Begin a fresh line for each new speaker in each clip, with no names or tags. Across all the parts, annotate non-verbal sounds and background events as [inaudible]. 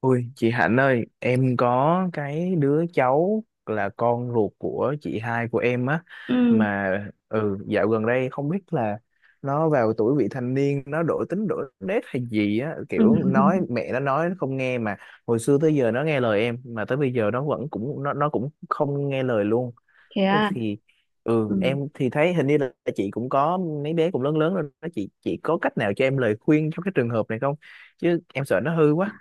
Ôi, chị Hạnh ơi, em có cái đứa cháu là con ruột của chị hai của em á
Ừ,
mà dạo gần đây không biết là nó vào tuổi vị thành niên, nó đổi tính đổi nết hay gì á,
ừ.
kiểu nói
[laughs]
mẹ nó nói nó không nghe, mà hồi xưa tới giờ nó nghe lời em, mà tới bây giờ nó vẫn cũng nó cũng không nghe lời luôn.
Thế
Thế
à?
thì
Ừ.
em thì thấy hình như là chị cũng có mấy bé cũng lớn lớn rồi đó, chị có cách nào cho em lời khuyên trong cái trường hợp này không, chứ em sợ nó hư quá.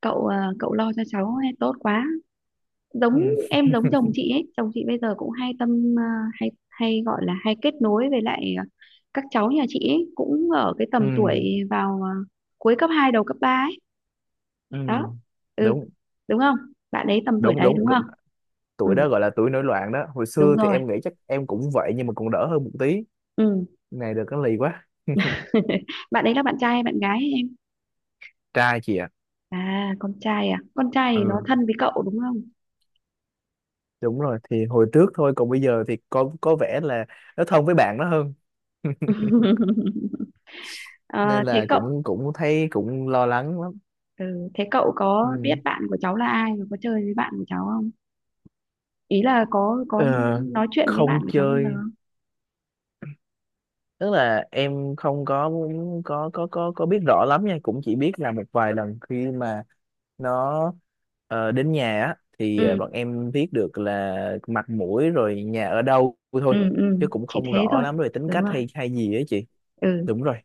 Cậu à, cậu lo cho cháu ấy, tốt quá.
Ừ.
giống em giống chồng chị ấy, chồng chị bây giờ cũng hay tâm à, hay hay gọi là hay kết nối với lại à, các cháu nhà chị ấy cũng ở cái tầm
Ừ,
tuổi vào à, cuối cấp 2 đầu cấp 3 ấy
ừ,
đó. Ừ.
đúng
Đúng không? Bạn ấy tầm tuổi
đúng
đấy,
đúng.
đúng không?
Tuổi đó
Ừ,
gọi là tuổi nổi loạn đó, hồi
đúng
xưa thì
rồi.
em nghĩ chắc em cũng vậy nhưng mà còn đỡ hơn một tí.
Ừ.
Này được cái lì quá.
[laughs] Bạn ấy là bạn trai hay bạn gái ấy, em?
Trai chị ạ.
À, con trai. À, con trai thì nó
Ừ,
thân với cậu đúng không?
đúng rồi, thì hồi trước thôi, còn bây giờ thì có vẻ là nó thân với bạn nó hơn. [laughs]
[laughs] Ờ,
nên
thế
là
cậu
cũng cũng thấy cũng lo lắng lắm.
Ừ, thế cậu có biết
Ừ.
bạn của cháu là ai và có chơi với bạn của cháu không? Ý là có
Ờ,
nói chuyện với bạn
không
của cháu bao giờ
chơi,
không?
tức là em không có biết rõ lắm nha, cũng chỉ biết là một vài lần khi mà nó đến nhà á thì
Ừ,
bọn em biết được là mặt mũi rồi nhà ở đâu
ừ,
thôi,
ừ,
chứ cũng
chỉ
không
thế
rõ
thôi.
lắm về tính
Đúng
cách
rồi.
hay hay gì ấy chị.
Ừ,
Đúng rồi.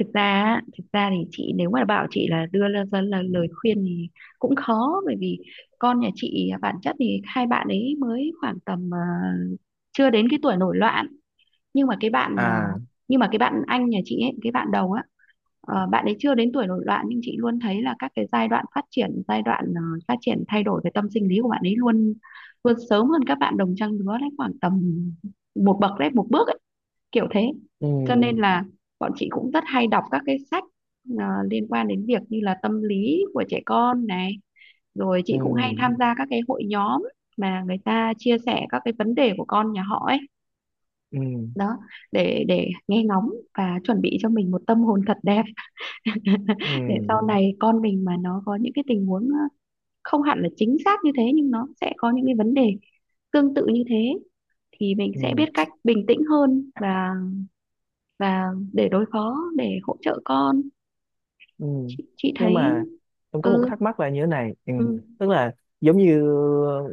thực ra á, thực ra thì chị nếu mà bảo chị là đưa ra là lời khuyên thì cũng khó bởi vì con nhà chị bản chất thì hai bạn ấy mới khoảng tầm chưa đến cái tuổi nổi loạn, nhưng mà cái bạn à,
À,
nhưng mà cái bạn anh nhà chị ấy, cái bạn đầu á, bạn ấy chưa đến tuổi nổi loạn nhưng chị luôn thấy là các cái giai đoạn phát triển thay đổi về tâm sinh lý của bạn ấy luôn luôn sớm hơn các bạn đồng trang lứa đấy, khoảng tầm một bậc đấy một bước ấy, kiểu thế.
ừ,
Cho nên là bọn chị cũng rất hay đọc các cái sách liên quan đến việc như là tâm lý của trẻ con này, rồi
ừ,
chị cũng hay tham gia các cái hội nhóm mà người ta chia sẻ các cái vấn đề của con nhà họ ấy
ừ,
đó, để nghe ngóng và chuẩn bị cho mình một tâm hồn thật đẹp, [laughs]
ừ,
để sau này con mình mà nó có những cái tình huống không hẳn là chính xác như thế nhưng nó sẽ có những cái vấn đề tương tự như thế thì mình sẽ
ừ,
biết cách bình tĩnh hơn và để đối phó, để hỗ trợ con.
ừ.
Chị
Nhưng
thấy.
mà em có một
Ừ,
thắc mắc là như thế này. Ừ.
ừ,
Tức là giống như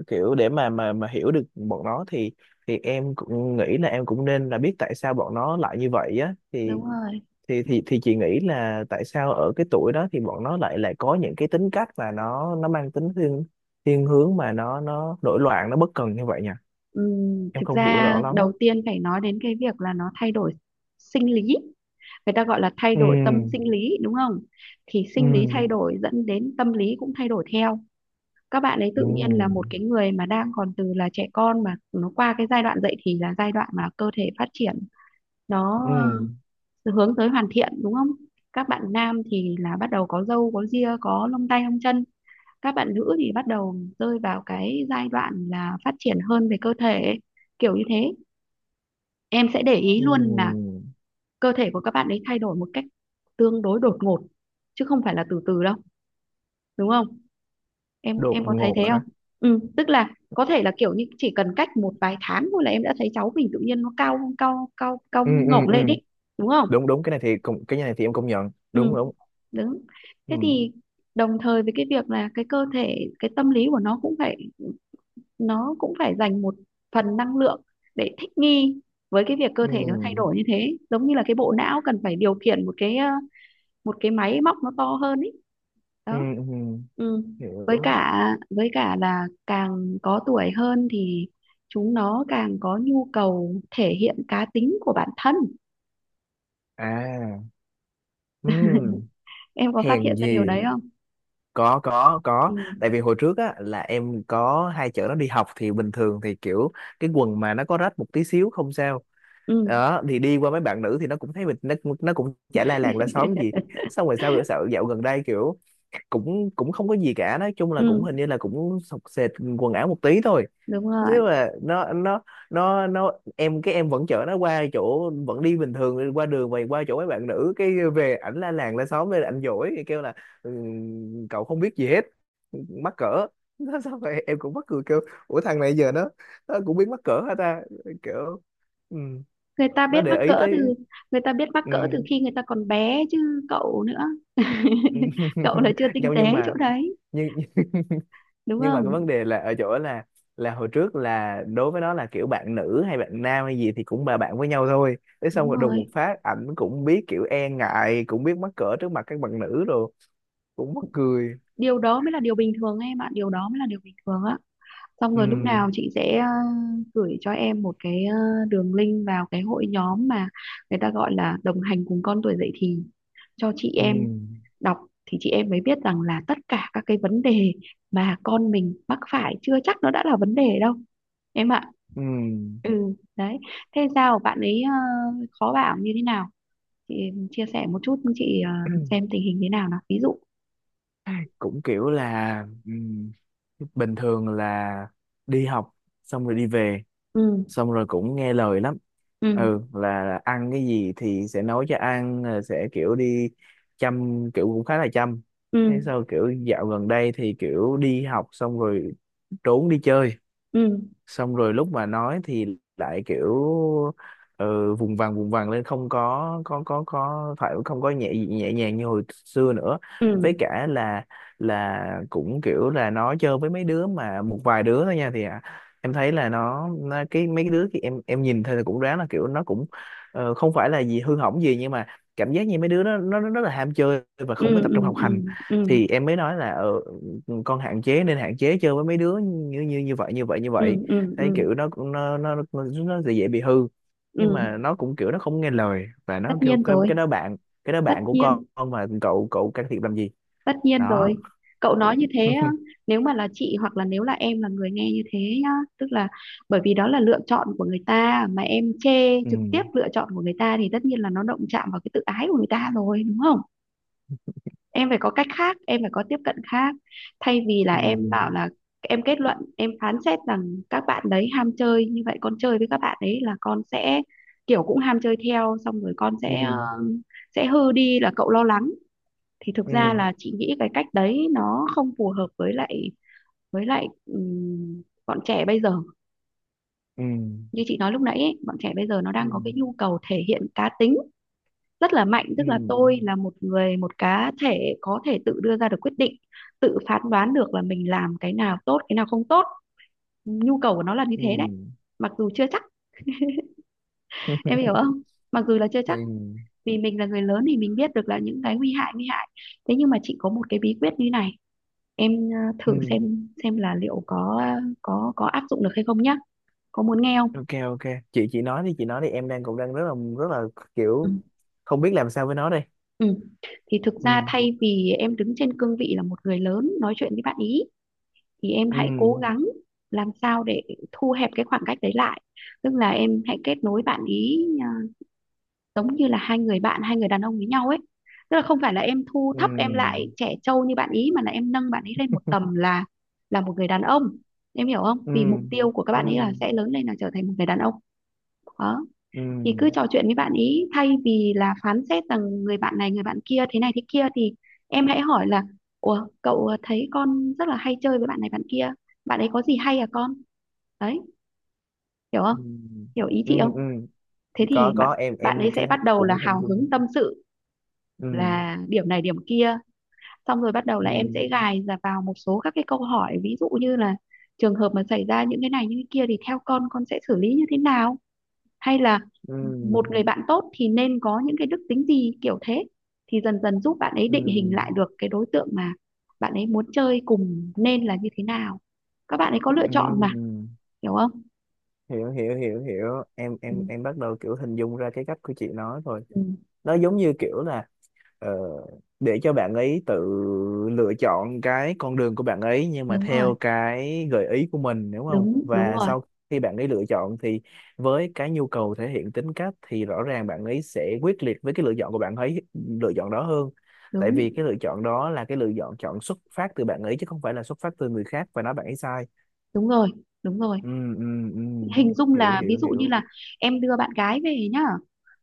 kiểu để mà hiểu được bọn nó thì em cũng nghĩ là em cũng nên là biết tại sao bọn nó lại như vậy á, thì
đúng rồi.
thì chị nghĩ là tại sao ở cái tuổi đó thì bọn nó lại lại có những cái tính cách mà nó mang tính thiên thiên hướng mà nó nổi loạn, nó bất cần như vậy nhỉ?
Ừ,
Em
thực
không hiểu rõ
ra
lắm.
đầu tiên phải nói đến cái việc là nó thay đổi sinh lý, người ta gọi là thay
Ừ,
đổi tâm sinh lý đúng không? Thì
ừ,
sinh lý thay đổi dẫn đến tâm lý cũng thay đổi theo. Các bạn ấy tự nhiên là một
ừ,
cái người mà đang còn từ là trẻ con mà nó qua cái giai đoạn dậy thì, là giai đoạn mà cơ thể phát triển, nó
ừ,
ờ, hướng tới hoàn thiện đúng không? Các bạn nam thì là bắt đầu có râu có ria có lông tay lông chân, các bạn nữ thì bắt đầu rơi vào cái giai đoạn là phát triển hơn về cơ thể, kiểu như thế. Em sẽ để ý
ừ.
luôn là cơ thể của các bạn ấy thay đổi một cách tương đối đột ngột chứ không phải là từ từ đâu, đúng không? em
Đột
em có thấy
ngột
thế
hả?
không? Ừ, tức là có thể là kiểu như chỉ cần cách một vài tháng thôi là em đã thấy cháu mình tự nhiên nó cao cao cao cao
Ừ, ừ,
ngổng
ừ,
lên đấy, đúng không?
đúng đúng, cái này thì em công nhận đúng
Ừ,
đúng.
đúng. Thế
Ừ,
thì đồng thời với cái việc là cái cơ thể, cái tâm lý của nó cũng phải, nó cũng phải dành một phần năng lượng để thích nghi với cái việc cơ thể nó thay
ừ,
đổi như thế, giống như là cái bộ não cần phải điều khiển một cái máy móc nó to hơn ấy
ừ,
đó.
ừ.
Ừ. với
Hiểu.
cả với cả là càng có tuổi hơn thì chúng nó càng có nhu cầu thể hiện cá tính của bản thân,
À, ừ.
em có phát
Hèn
hiện ra
gì.
điều đấy không?
Có có
Ừ,
có. Tại vì hồi trước á là em có hai chợ nó đi học thì bình thường thì kiểu cái quần mà nó có rách một tí xíu không sao,
ừ.
đó thì đi qua mấy bạn nữ thì nó cũng thấy mình, nó cũng chả la làng la xóm gì.
[laughs]
Xong rồi sao bữa sợ dạo gần đây kiểu cũng cũng không có gì cả, nói chung là
Ừ,
cũng hình như là cũng sọc sệt quần áo một tí thôi.
đúng rồi.
Nếu mà nó em cái em vẫn chở nó qua chỗ, vẫn đi bình thường qua đường và qua chỗ mấy bạn nữ cái về ảnh la làng la xóm lên, ảnh dỗi thì kêu là "Ừ, cậu không biết gì hết, mắc cỡ." [laughs] nó sao vậy, em cũng mắc cười, kêu ủa thằng này giờ nó cũng biết mắc cỡ hả ta, kiểu, ừ,
người ta
nó
biết mắc
để ý
cỡ từ
tới.
Người ta biết mắc
Ừ.
cỡ từ khi người ta còn bé chứ, cậu nữa. [laughs] Cậu là chưa
[laughs]
tinh
nhau,
tế chỗ đấy,
nhưng
đúng
nhưng mà cái vấn
không?
đề là ở chỗ là hồi trước là đối với nó là kiểu bạn nữ hay bạn nam hay gì thì cũng là bạn với nhau thôi, thế xong
Đúng
rồi đùng một
rồi.
phát ảnh cũng biết kiểu e ngại, cũng biết mắc cỡ trước mặt các bạn nữ rồi, cũng mắc cười.
Điều đó mới là điều bình thường em ạ, điều đó mới là điều bình thường á. Xong rồi lúc
Ừ,
nào chị sẽ gửi cho em một cái đường link vào cái hội nhóm mà người ta gọi là đồng hành cùng con tuổi dậy thì, cho chị
ừ,
em đọc thì chị em mới biết rằng là tất cả các cái vấn đề mà con mình mắc phải chưa chắc nó đã là vấn đề đâu em ạ.
ừ.
Ừ, đấy. Thế sao bạn ấy khó bảo như thế nào chị chia sẻ một chút chị xem
[clears throat]
tình hình thế nào nào, ví dụ.
cũng kiểu là bình thường là đi học xong rồi đi về,
Ừ,
xong rồi cũng nghe lời lắm,
ừ,
ừ là ăn cái gì thì sẽ nói cho ăn, rồi sẽ kiểu đi chăm, kiểu cũng khá là chăm. Thế
ừ,
sau kiểu dạo gần đây thì kiểu đi học xong rồi trốn đi chơi,
ừ,
xong rồi lúc mà nói thì lại kiểu vùng vằng lên, không có phải, không có nhẹ nhẹ nhàng như hồi xưa nữa.
ừ,
Với cả là cũng kiểu là nó chơi với mấy đứa mà một vài đứa thôi nha, thì em thấy là nó cái mấy cái đứa thì em nhìn thấy là cũng ráng là kiểu nó cũng không phải là gì hư hỏng gì nhưng mà cảm giác như mấy đứa đó nó rất là ham chơi và
ừ,
không có tập
ừ,
trung học
ừ,
hành.
ừ,
Thì em mới nói là con hạn chế, nên hạn chế chơi với mấy đứa như như như vậy như vậy như vậy,
ừ, ừ,
thấy
ừ,
kiểu nó cũng nó dễ dễ bị hư, nhưng mà
ừ,
nó cũng kiểu nó không nghe lời, và
tất
nó kêu
nhiên rồi,
cái đó
tất
bạn của
nhiên,
con, mà cậu cậu can thiệp làm gì.
tất nhiên
Đó.
rồi. Cậu nói như thế á,
[laughs]
nếu mà là chị hoặc là nếu là em là người nghe như thế nhá, tức là bởi vì đó là lựa chọn của người ta mà em chê
ừ,
trực tiếp lựa chọn của người ta thì tất nhiên là nó động chạm vào cái tự ái của người ta rồi, đúng không? Em phải có cách khác, em phải có tiếp cận khác thay vì là
ừ,
em bảo là em kết luận em phán xét rằng các bạn đấy ham chơi như vậy, con chơi với các bạn ấy là con sẽ kiểu cũng ham chơi theo, xong rồi con sẽ
ừ,
sẽ hư đi, là cậu lo lắng. Thì thực ra
ừ,
là chị nghĩ cái cách đấy nó không phù hợp với lại bọn trẻ bây giờ,
ừ,
như chị nói lúc nãy ấy, bọn trẻ bây giờ nó
ừ,
đang có cái nhu cầu thể hiện cá tính rất là mạnh,
ừ,
tức là tôi là một người, một cá thể có thể tự đưa ra được quyết định, tự phán đoán được là mình làm cái nào tốt, cái nào không tốt. Nhu cầu của nó là như
ừ.
thế đấy, mặc dù chưa chắc, em hiểu
[laughs]
không? Mặc dù là chưa chắc
ừ,
vì mình là người lớn thì mình biết được là những cái nguy hại nguy hại. Thế nhưng mà chị có một cái bí quyết như này, em
ừ.
thử xem là liệu có có áp dụng được hay không nhá, có muốn nghe không?
OK, ok. Chị nói đi, chị nói đi, em cũng đang rất là
Ừ.
kiểu không biết làm sao với nó đây.
Ừ. Thì thực ra
Ừ,
thay vì em đứng trên cương vị là một người lớn nói chuyện với bạn ý thì em hãy cố
ừ,
gắng làm sao để thu hẹp cái khoảng cách đấy lại, tức là em hãy kết nối bạn ý à, giống như là hai người bạn, hai người đàn ông với nhau ấy, tức là không phải là em thu thấp em lại
ừ,
trẻ trâu như bạn ý mà là em nâng bạn ý lên một tầm là một người đàn ông. Em hiểu không?
ừ,
Vì mục tiêu của các
ừ,
bạn ấy là
ừ.
sẽ lớn lên là trở thành một người đàn ông đó.
Ừ.
Thì cứ trò chuyện với bạn ý thay vì là phán xét rằng người bạn này người bạn kia thế này thế kia thì em hãy hỏi là ủa cậu thấy con rất là hay chơi với bạn này bạn kia, bạn ấy có gì hay à con, đấy, hiểu
Ừ,
không? Hiểu ý
ừ,
chị không?
ừ.
Thế
Thì
thì
có
bạn
có em
bạn
em
ấy sẽ
cái
bắt đầu là
cũng hình
hào
dung.
hứng tâm sự
Ừ,
là điểm này điểm kia, xong rồi bắt đầu là
ừ,
em sẽ gài vào một số các cái câu hỏi ví dụ như là trường hợp mà xảy ra những cái này những cái kia thì theo con sẽ xử lý như thế nào, hay là một
ừ,
người bạn tốt thì nên có những cái đức tính gì, kiểu thế, thì dần dần giúp bạn ấy
ừ,
định hình lại được cái đối tượng mà bạn ấy muốn chơi cùng nên là như thế nào. Các bạn ấy có lựa
ừ.
chọn mà, hiểu không?
Hiểu hiểu hiểu hiểu, em
Ừ,
em em bắt đầu kiểu hình dung ra cái cách của chị nói rồi.
ừ,
Nó giống như kiểu là ờ, để cho bạn ấy tự lựa chọn cái con đường của bạn ấy, nhưng mà
đúng rồi,
theo cái gợi ý của mình, đúng không?
đúng đúng
Và
rồi,
sau khi bạn ấy lựa chọn thì với cái nhu cầu thể hiện tính cách thì rõ ràng bạn ấy sẽ quyết liệt với cái lựa chọn của bạn ấy, lựa chọn đó hơn. Tại
đúng
vì cái lựa chọn đó là cái lựa chọn chọn xuất phát từ bạn ấy chứ không phải là xuất phát từ người khác và nói bạn ấy sai.
đúng rồi, đúng rồi.
Ừ, ừ, ừ.
Hình dung
Hiểu
là ví
hiểu
dụ như
hiểu.
là em đưa bạn gái về nhá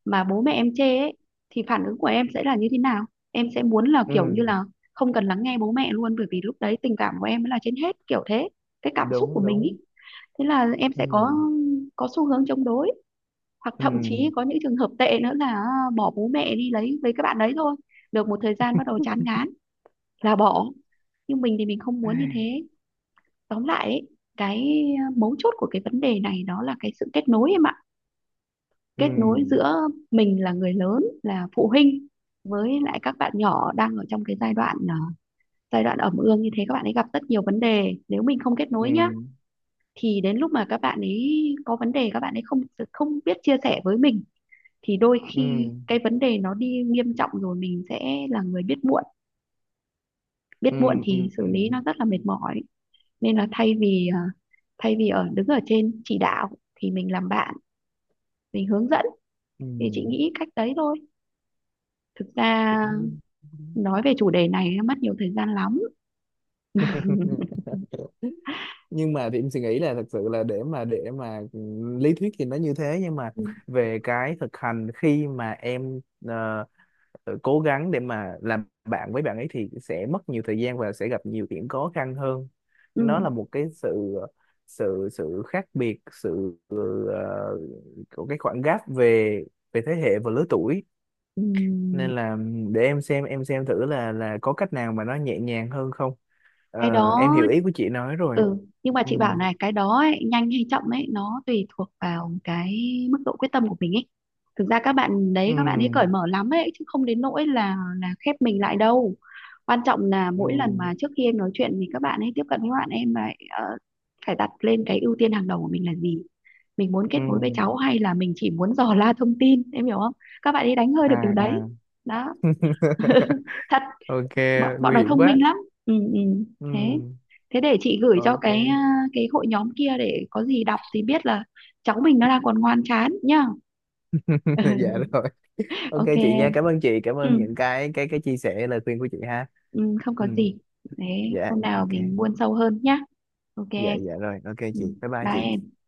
mà bố mẹ em chê ấy thì phản ứng của em sẽ là như thế nào? Em sẽ muốn là kiểu như
Ừ.
là không cần lắng nghe bố mẹ luôn bởi vì lúc đấy tình cảm của em mới là trên hết, kiểu thế, cái cảm xúc của
Đúng
mình ý.
đúng.
Thế là em
Ừ,
sẽ có xu hướng chống đối, hoặc
ừ.
thậm chí có những trường hợp tệ nữa là bỏ bố mẹ đi lấy với các bạn đấy thôi, được một thời gian bắt đầu chán ngán là bỏ, nhưng mình thì mình không muốn như
Ai,
thế. Tóm lại ấy, cái mấu chốt của cái vấn đề này đó là cái sự kết nối em ạ.
ừ,
Kết nối giữa mình là người lớn là phụ huynh với lại các bạn nhỏ đang ở trong cái giai đoạn ẩm ương như thế, các bạn ấy gặp rất nhiều vấn đề, nếu mình không kết
ừ,
nối nhá thì đến lúc mà các bạn ấy có vấn đề các bạn ấy không không biết chia sẻ với mình thì đôi
ừ,
khi cái vấn đề nó đi nghiêm trọng rồi mình sẽ là người biết muộn, biết muộn
ừ, ừ,
thì xử
ừ,
lý nó rất là mệt mỏi. Nên là thay vì đứng ở trên chỉ đạo thì mình làm bạn, mình hướng dẫn,
ừ,
thì chị nghĩ cách đấy thôi. Thực ra
cũng đúng.
nói về chủ đề này nó mất nhiều thời gian lắm. [laughs]
[laughs] Nhưng mà thì em suy nghĩ là thật sự là để mà lý thuyết thì nó như thế, nhưng mà
Ừ,
về cái thực hành khi mà em ờ, cố gắng để mà làm bạn với bạn ấy thì sẽ mất nhiều thời gian và sẽ gặp nhiều điểm khó khăn hơn.
ừ,
Nó là một cái sự sự sự khác biệt, sự của cái khoảng gap về về thế hệ và lứa tuổi.
ừ.
Nên là để em xem thử là có cách nào mà nó nhẹ nhàng hơn không. Ờ,
Cái đó.
em hiểu ý của chị nói rồi.
Ừ, nhưng mà
Ừ,
chị bảo này, cái đó ấy, nhanh hay chậm ấy nó tùy thuộc vào cái mức độ quyết tâm của mình ấy. Thực ra các bạn đấy,
ừ,
các bạn ấy cởi mở lắm ấy chứ không đến nỗi là khép mình lại đâu. Quan trọng là mỗi lần
ừ,
mà trước khi em nói chuyện thì các bạn ấy tiếp cận với bạn em lại phải đặt lên cái ưu tiên hàng đầu của mình là gì, mình muốn
ừ.
kết nối với cháu hay là mình chỉ muốn dò la thông tin, em hiểu không? Các bạn ấy đánh hơi được
À,
điều đấy
à.
đó,
[laughs]
thật,
ok.
bọn bọn
Nguy
nó
hiểm
thông
quá.
minh lắm. Ừ, ừ.
Ừ.
thế thế để chị gửi cho
OK.
cái hội nhóm kia để có gì đọc thì biết là cháu mình nó đang còn ngoan chán nhá.
[laughs] dạ
[laughs]
rồi, ok
Ok
chị nha,
em.
cảm ơn chị, cảm
Ừ,
ơn những cái chia sẻ lời khuyên của chị ha.
ừ, không
Ừ,
có gì. Thế
dạ
hôm nào
ok,
mình buôn sâu hơn nhá. Ok
dạ
em.
dạ rồi, ok
Ừ,
chị, bye bye
bye
chị.
em.